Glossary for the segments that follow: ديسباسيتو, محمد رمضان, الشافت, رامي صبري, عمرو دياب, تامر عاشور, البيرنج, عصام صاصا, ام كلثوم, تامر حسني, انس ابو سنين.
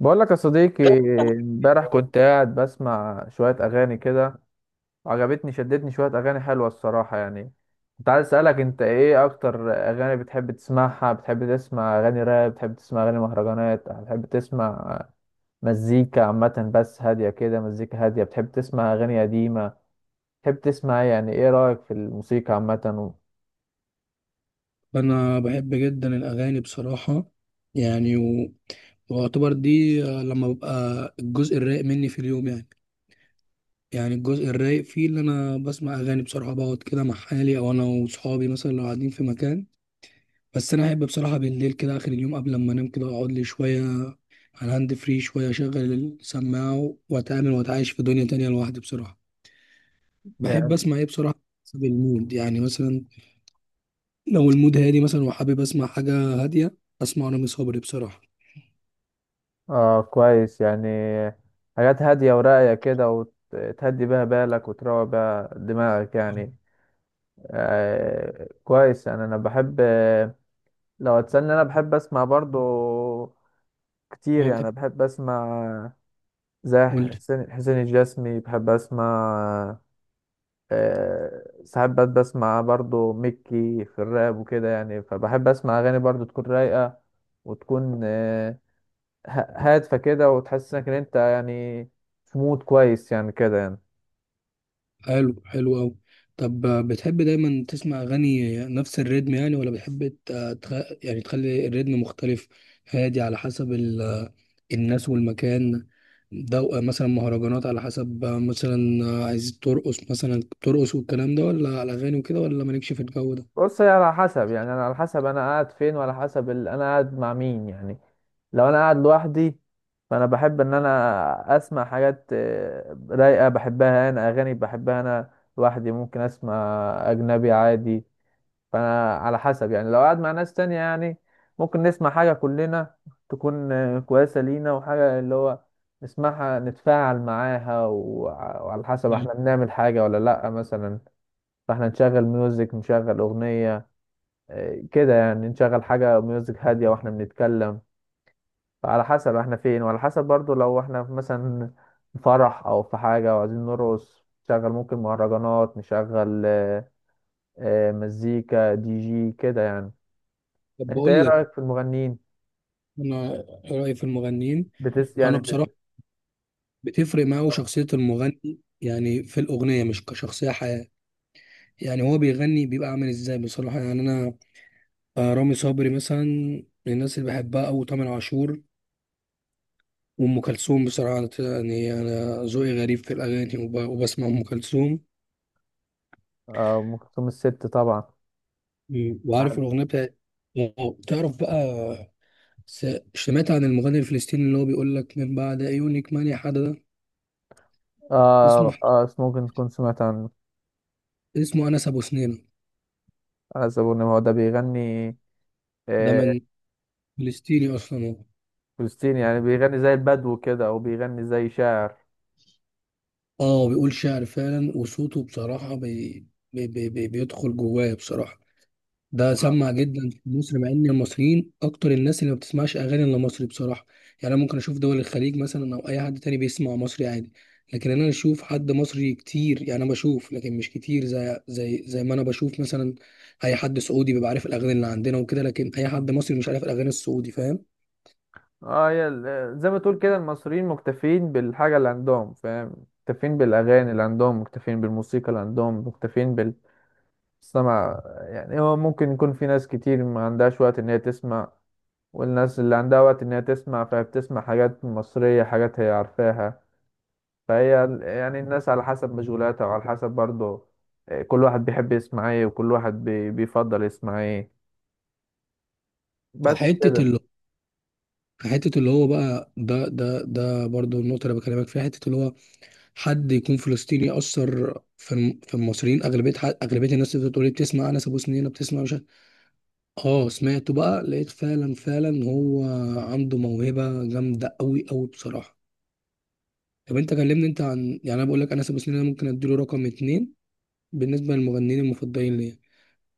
بقول لك يا صديقي، امبارح كنت قاعد بسمع شوية أغاني كده. عجبتني، شدتني شوية أغاني حلوة الصراحة. يعني كنت عايز أسألك أنت إيه أكتر أغاني بتحب تسمعها؟ بتحب تسمع أغاني راب؟ بتحب تسمع أغاني مهرجانات؟ بتحب تسمع مزيكا عامة بس هادية كده، مزيكا هادية؟ بتحب تسمع أغاني قديمة؟ بتحب تسمع إيه؟ يعني إيه رأيك في الموسيقى عامة و. انا بحب جدا الاغاني بصراحه يعني واعتبر دي لما ببقى الجزء الرايق مني في اليوم يعني. الجزء الرايق فيه اللي انا بسمع اغاني بصراحه، بقعد كده مع حالي او انا وصحابي مثلا لو قاعدين في مكان. بس انا احب بصراحه بالليل كده اخر اليوم قبل ما انام، كده اقعد لي شويه على الهاند فري، شويه اشغل السماعه واتعامل واتعايش في دنيا تانية لوحدي بصراحه. بحب يعني. اسمع ايه بصراحه؟ حسب المود يعني. مثلا لو المود هادي مثلا وحابب اسمع حاجه هاديه، اسمع رامي صبري بصراحه. آه، كويس يعني. حاجات هادية وراقية كده، وتهدي بيها بالك وتروق بيها دماغك يعني. آه، كويس يعني. انا بحب، لو هتسألني انا بحب اسمع برضو كتير اه، بتحب. يعني، بحب اسمع زي ولد. حسين الجسمي، بحب اسمع. ساعات بس بسمع برضو مكي في الراب وكده يعني، فبحب اسمع اغاني برضو تكون رايقة، وتكون هادفة كده، وتحسسك ان انت يعني في مود كويس يعني كده يعني. حلو حلو أوي. طب بتحب دايما تسمع أغاني نفس الريتم يعني، ولا بتحب تخ... يعني تخلي الريتم مختلف؟ هادي على حسب ال... آه، الناس والمكان ده. مثلا مهرجانات، على حسب مثلا عايز ترقص مثلا ترقص والكلام ده، ولا على أغاني وكده، ولا مالكش في الجو ده؟ بص، هي على حسب يعني، انا على حسب انا قاعد فين، وعلى حسب انا قاعد مع مين يعني. لو انا قاعد لوحدي فانا بحب ان انا اسمع حاجات رايقه، بحبها انا، اغاني بحبها انا، لوحدي ممكن اسمع اجنبي عادي. فانا على حسب يعني، لو قاعد مع ناس تانية يعني ممكن نسمع حاجه كلنا تكون كويسه لينا، وحاجه اللي هو نسمعها نتفاعل معاها، وعلى حسب مم. احنا بنعمل حاجه ولا لا مثلا، فاحنا نشغل ميوزك، نشغل اغنيه كده يعني، نشغل حاجة ميوزك هادية واحنا بنتكلم. على حسب احنا فين، وعلى حسب برضو لو احنا في مثلا فرح او في حاجة وعايزين نرقص نشغل، ممكن مهرجانات نشغل مزيكا دي جي كده يعني. طب انت ايه بقول لك، رأيك في المغنيين؟ أنا إيه رأيي في المغنيين؟ بتس يعني أنا بت... بصراحة بتفرق معاه اه. شخصية المغني يعني في الأغنية مش كشخصية حياة. يعني هو بيغني بيبقى عامل ازاي بصراحة يعني انا. رامي صبري مثلا من الناس اللي بحبها، او تامر عاشور وام كلثوم، بصراحة يعني انا ذوقي غريب في الاغاني وبسمع ام كلثوم. ام كلثوم الست طبعا. وعارف الاغنية بتاعت تعرف بقى، سمعت عن المغني الفلسطيني اللي هو بيقول لك من بعد عيونك ماني حدا ده؟ اه اسمه، اه، ممكن تكون سمعت عن، اسمه انس ابو سنين. حسب ان هو ده بيغني. ده آه، من فلسطيني اصلا هو. فلسطيني يعني، بيغني زي البدو كده او بيغني زي شاعر. اه بيقول شعر فعلا، وصوته بصراحة بيدخل جوايا بصراحة. ده سمع جدا في مصر، مع ان المصريين اكتر الناس اللي ما بتسمعش اغاني الا مصري بصراحه. يعني انا ممكن اشوف دول الخليج مثلا او اي حد تاني بيسمع مصري عادي، لكن انا اشوف حد مصري كتير. يعني انا بشوف لكن مش كتير، زي ما انا بشوف مثلا اي حد سعودي بيبقى عارف الاغاني اللي عندنا وكده، لكن اي حد مصري مش عارف الاغاني السعودي، فاهم؟ اه، يا زي ما تقول كده، المصريين مكتفين بالحاجة اللي عندهم، فاهم؟ مكتفين بالأغاني اللي عندهم، مكتفين بالموسيقى اللي عندهم، مكتفين بالسمع. يعني هو ممكن يكون في ناس كتير ما عندهاش وقت إن هي تسمع، والناس اللي عندها وقت إن هي تسمع فهي بتسمع حاجات مصرية، حاجات هي عارفاها. يعني الناس على حسب مشغولاتها، وعلى حسب برضه كل واحد بيحب يسمع ايه، وكل واحد بيفضل يسمع ايه. بس فحته كده. اللي حته اللي هو بقى، ده برضو النقطه اللي بكلمك فيها. حته اللي هو حد يكون فلسطيني يأثر في المصريين، أغلبية أغلبية الناس اللي بتقول لي بتسمع أنس أبو سنينة بتسمع مش عارف- آه سمعته بقى، لقيت فعلا فعلا هو عنده موهبة جامدة أوي أوي بصراحة. طب أنت كلمني أنت عن، يعني أنا بقول لك أنس أبو سنينة ممكن أديله رقم اتنين بالنسبة للمغنيين المفضلين ليا،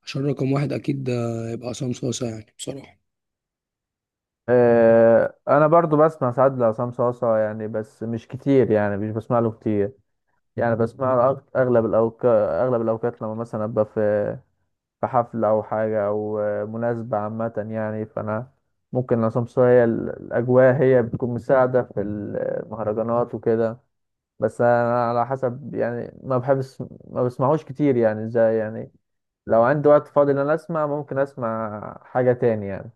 عشان رقم واحد أكيد ده يبقى عصام صاصا يعني بصراحة. انا برضو بسمع ساعات لعصام صاصا يعني، بس مش كتير يعني، مش بسمع له كتير يعني. بسمع له اغلب الاوقات، لما مثلا ابقى في في حفله او حاجه او مناسبه عامه يعني. فانا ممكن عصام صاصا، هي الاجواء هي بتكون مساعده في المهرجانات وكده. بس انا على حسب يعني، ما بحبش، ما بسمعوش كتير يعني، زي يعني لو عندي وقت فاضي ان انا اسمع، ممكن اسمع حاجه تاني يعني.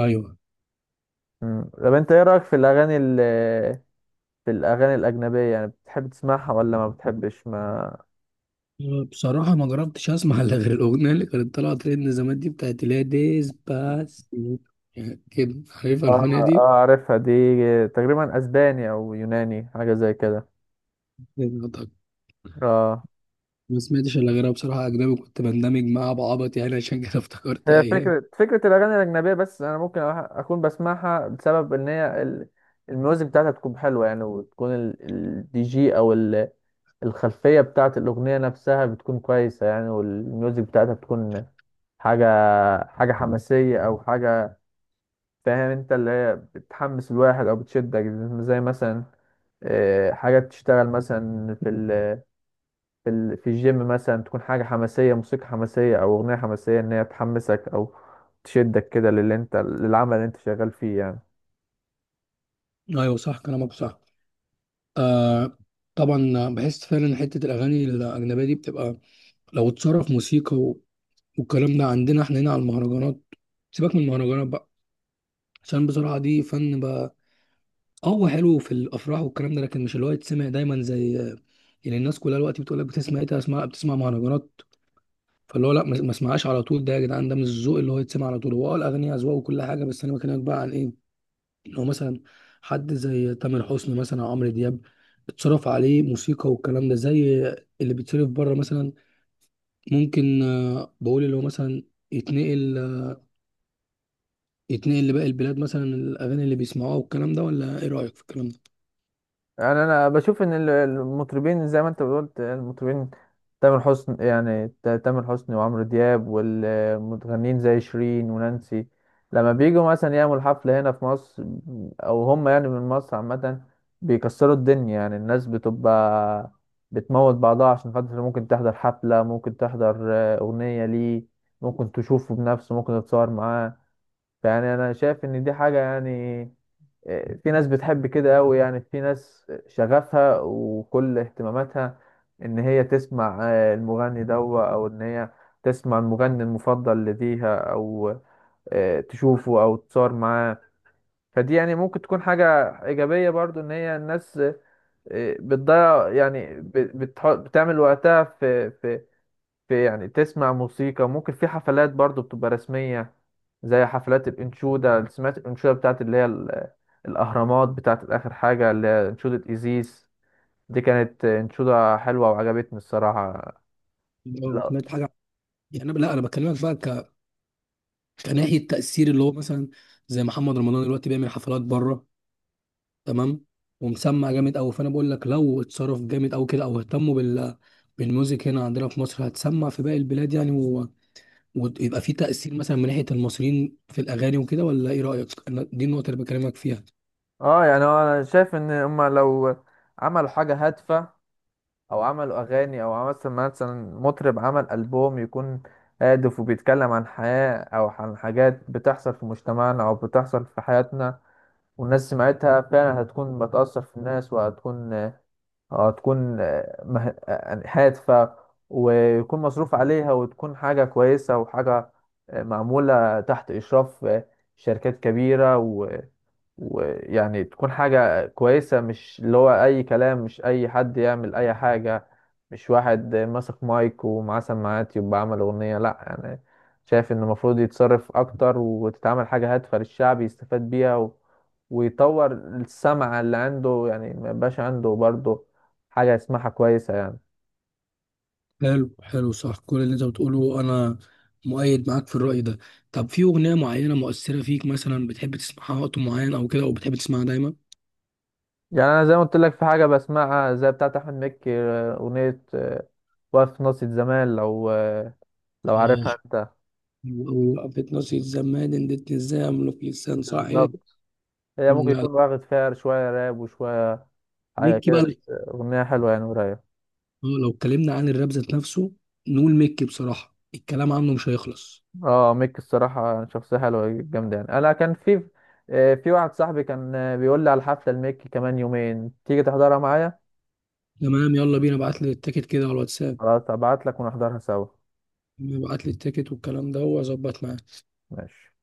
أيوه. مم. طب انت ايه رايك في الاغاني، في الأغاني الأجنبية؟ يعني بتحب تسمعها ولا ما بتحبش ما؟ بصراحة ما جربتش أسمع إلا غير الأغنية اللي كانت طالعة ترند زمان دي، بتاعت اللي هي ديسباسيتو. يعني كده عارف الأغنية اه اه، دي؟ عارفها دي، تقريبا أسباني أو يوناني، حاجة زي كده. النهارده اه، ما سمعتش الا غيرها بصراحه اجنبي، كنت بندمج معاها بعبط يعني عشان كده افتكرت هي ايام. فكرة الأغاني الأجنبية، بس أنا ممكن أكون بسمعها بسبب إن هي الميوزك بتاعتها تكون حلوة يعني، وتكون الدي جي أو الخلفية بتاعت الأغنية نفسها بتكون كويسة يعني، والميوزك بتاعتها بتكون حاجة، حماسية أو حاجة، فاهم أنت؟ اللي هي بتحمس الواحد أو بتشدك، زي مثلا حاجة تشتغل مثلا في ال في الجيم مثلا، تكون حاجة حماسية، موسيقى حماسية أو أغنية حماسية، إن هي تحمسك أو تشدك كده للي أنت، للعمل اللي أنت شغال فيه يعني. ايوه صح كلامك صح. آه، طبعا بحس فعلا حته الاغاني الاجنبيه دي بتبقى، لو اتصرف موسيقى والكلام ده عندنا احنا هنا على المهرجانات. سيبك من المهرجانات بقى، عشان بصراحه دي فن بقى. اه هو حلو في الافراح والكلام ده، لكن مش اللي هو يتسمع دايما. زي يعني الناس كلها الوقت بتقول لك بتسمع ايه؟ بتسمع، بتسمع مهرجانات. فاللي هو لا، ما اسمعهاش على طول. ده يا جدعان ده مش الذوق اللي هو يتسمع على طول. هو اه الاغنيه اذواق وكل حاجه. بس انا بكلمك بقى عن ايه، اللي هو مثلا حد زي تامر حسني مثلا او عمرو دياب، اتصرف عليه موسيقى والكلام ده زي اللي بيتصرف بره مثلا. ممكن بقول اللي هو مثلا يتنقل، يتنقل لباقي البلاد مثلا، الاغاني اللي بيسمعوها والكلام ده، ولا ايه رايك في الكلام ده؟ يعني انا بشوف ان المطربين، زي ما انت قلت، المطربين تامر حسني يعني، تامر حسني وعمرو دياب، والمغنيين زي شيرين ونانسي، لما بيجوا مثلا يعملوا حفلة هنا في مصر، او هم يعني من مصر عامة، بيكسروا الدنيا. يعني الناس بتبقى بتموت بعضها عشان خاطر ممكن تحضر حفلة، ممكن تحضر أغنية ليه، ممكن تشوفه بنفسه، ممكن تتصور معاه. يعني انا شايف ان دي حاجة يعني، في ناس بتحب كده قوي يعني، في ناس شغفها وكل اهتماماتها ان هي تسمع المغني ده، او ان هي تسمع المغني المفضل لديها، او تشوفه او تصور معاه. فدي يعني ممكن تكون حاجة ايجابية برضو، ان هي الناس بتضيع يعني، بتعمل وقتها في في في يعني تسمع موسيقى، ممكن في حفلات برضو بتبقى رسمية، زي حفلات الانشودة. سمعت الانشودة بتاعت اللي هي الأهرامات بتاعت آخر حاجة، اللي هي انشودة إيزيس؟ دي كانت انشودة حلوة وعجبتني الصراحة. لو لا. سمعت حاجه يعني لا، انا بكلمك بقى كناحيه تاثير اللي هو مثلا زي محمد رمضان دلوقتي بيعمل حفلات بره، تمام؟ ومسمع جامد قوي. فانا بقول لك لو اتصرف جامد قوي كده، او اهتموا بال بالميوزك هنا عندنا في مصر، هتسمع في باقي البلاد يعني ويبقى في تأثير مثلا من ناحية المصريين في الأغاني وكده، ولا إيه رأيك؟ أنا دي النقطة اللي بكلمك فيها. اه يعني هو انا شايف ان هما لو عملوا حاجة هادفة، او عملوا اغاني، او مثلا مطرب عمل ألبوم يكون هادف وبيتكلم عن حياة او عن حاجات بتحصل في مجتمعنا او بتحصل في حياتنا والناس سمعتها فعلا، هتكون بتأثر في الناس، وهتكون هادفة، ويكون مصروف عليها، وتكون حاجة كويسة وحاجة معمولة تحت إشراف شركات كبيرة، ويعني تكون حاجة كويسة، مش اللي هو أي كلام، مش أي حد يعمل أي حاجة، مش واحد ماسك مايك ومعاه سماعات يبقى عمل أغنية، لأ. يعني شايف إن المفروض يتصرف أكتر وتتعمل حاجة هادفة للشعب يستفاد بيها و، ويطور السمع اللي عنده يعني، ما يبقاش عنده برضه حاجة يسمعها كويسة يعني. حلو حلو صح كل اللي أنت بتقوله، أنا مؤيد معاك في الرأي ده. طب في أغنية معينة مؤثرة فيك مثلا بتحب تسمعها وقت معين أو كده، أو بتحب تسمعها دايما؟ يعني أنا زي ما قلت لك، في حاجة بسمعها زي بتاعة أحمد مكي، أغنية واقف في ناصية زمان، لو لو آه، عارفها أنت. وقفت ناصية زمان ادتني الزمن في لسان صعيد. بالظبط. هي ممكن يكون واخد فيها شوية راب وشوية حاجة بيكي كده، بقى. بس أغنية حلوة يعني ورايقة. اه، لو اتكلمنا عن الراب ذات نفسه، نقول ميكي، بصراحة الكلام عنه مش هيخلص. اه، ميك الصراحة شخصية حلوة جامدة يعني. أنا كان في في واحد صاحبي كان بيقول لي على الحفلة الميك كمان يومين، تيجي تحضرها معايا؟ تمام، يلا بينا، ابعت لي التيكت كده على الواتساب. خلاص، أبعت لك ونحضرها سوا. ابعت لي التيكت والكلام ده واظبط معاك. ماشي.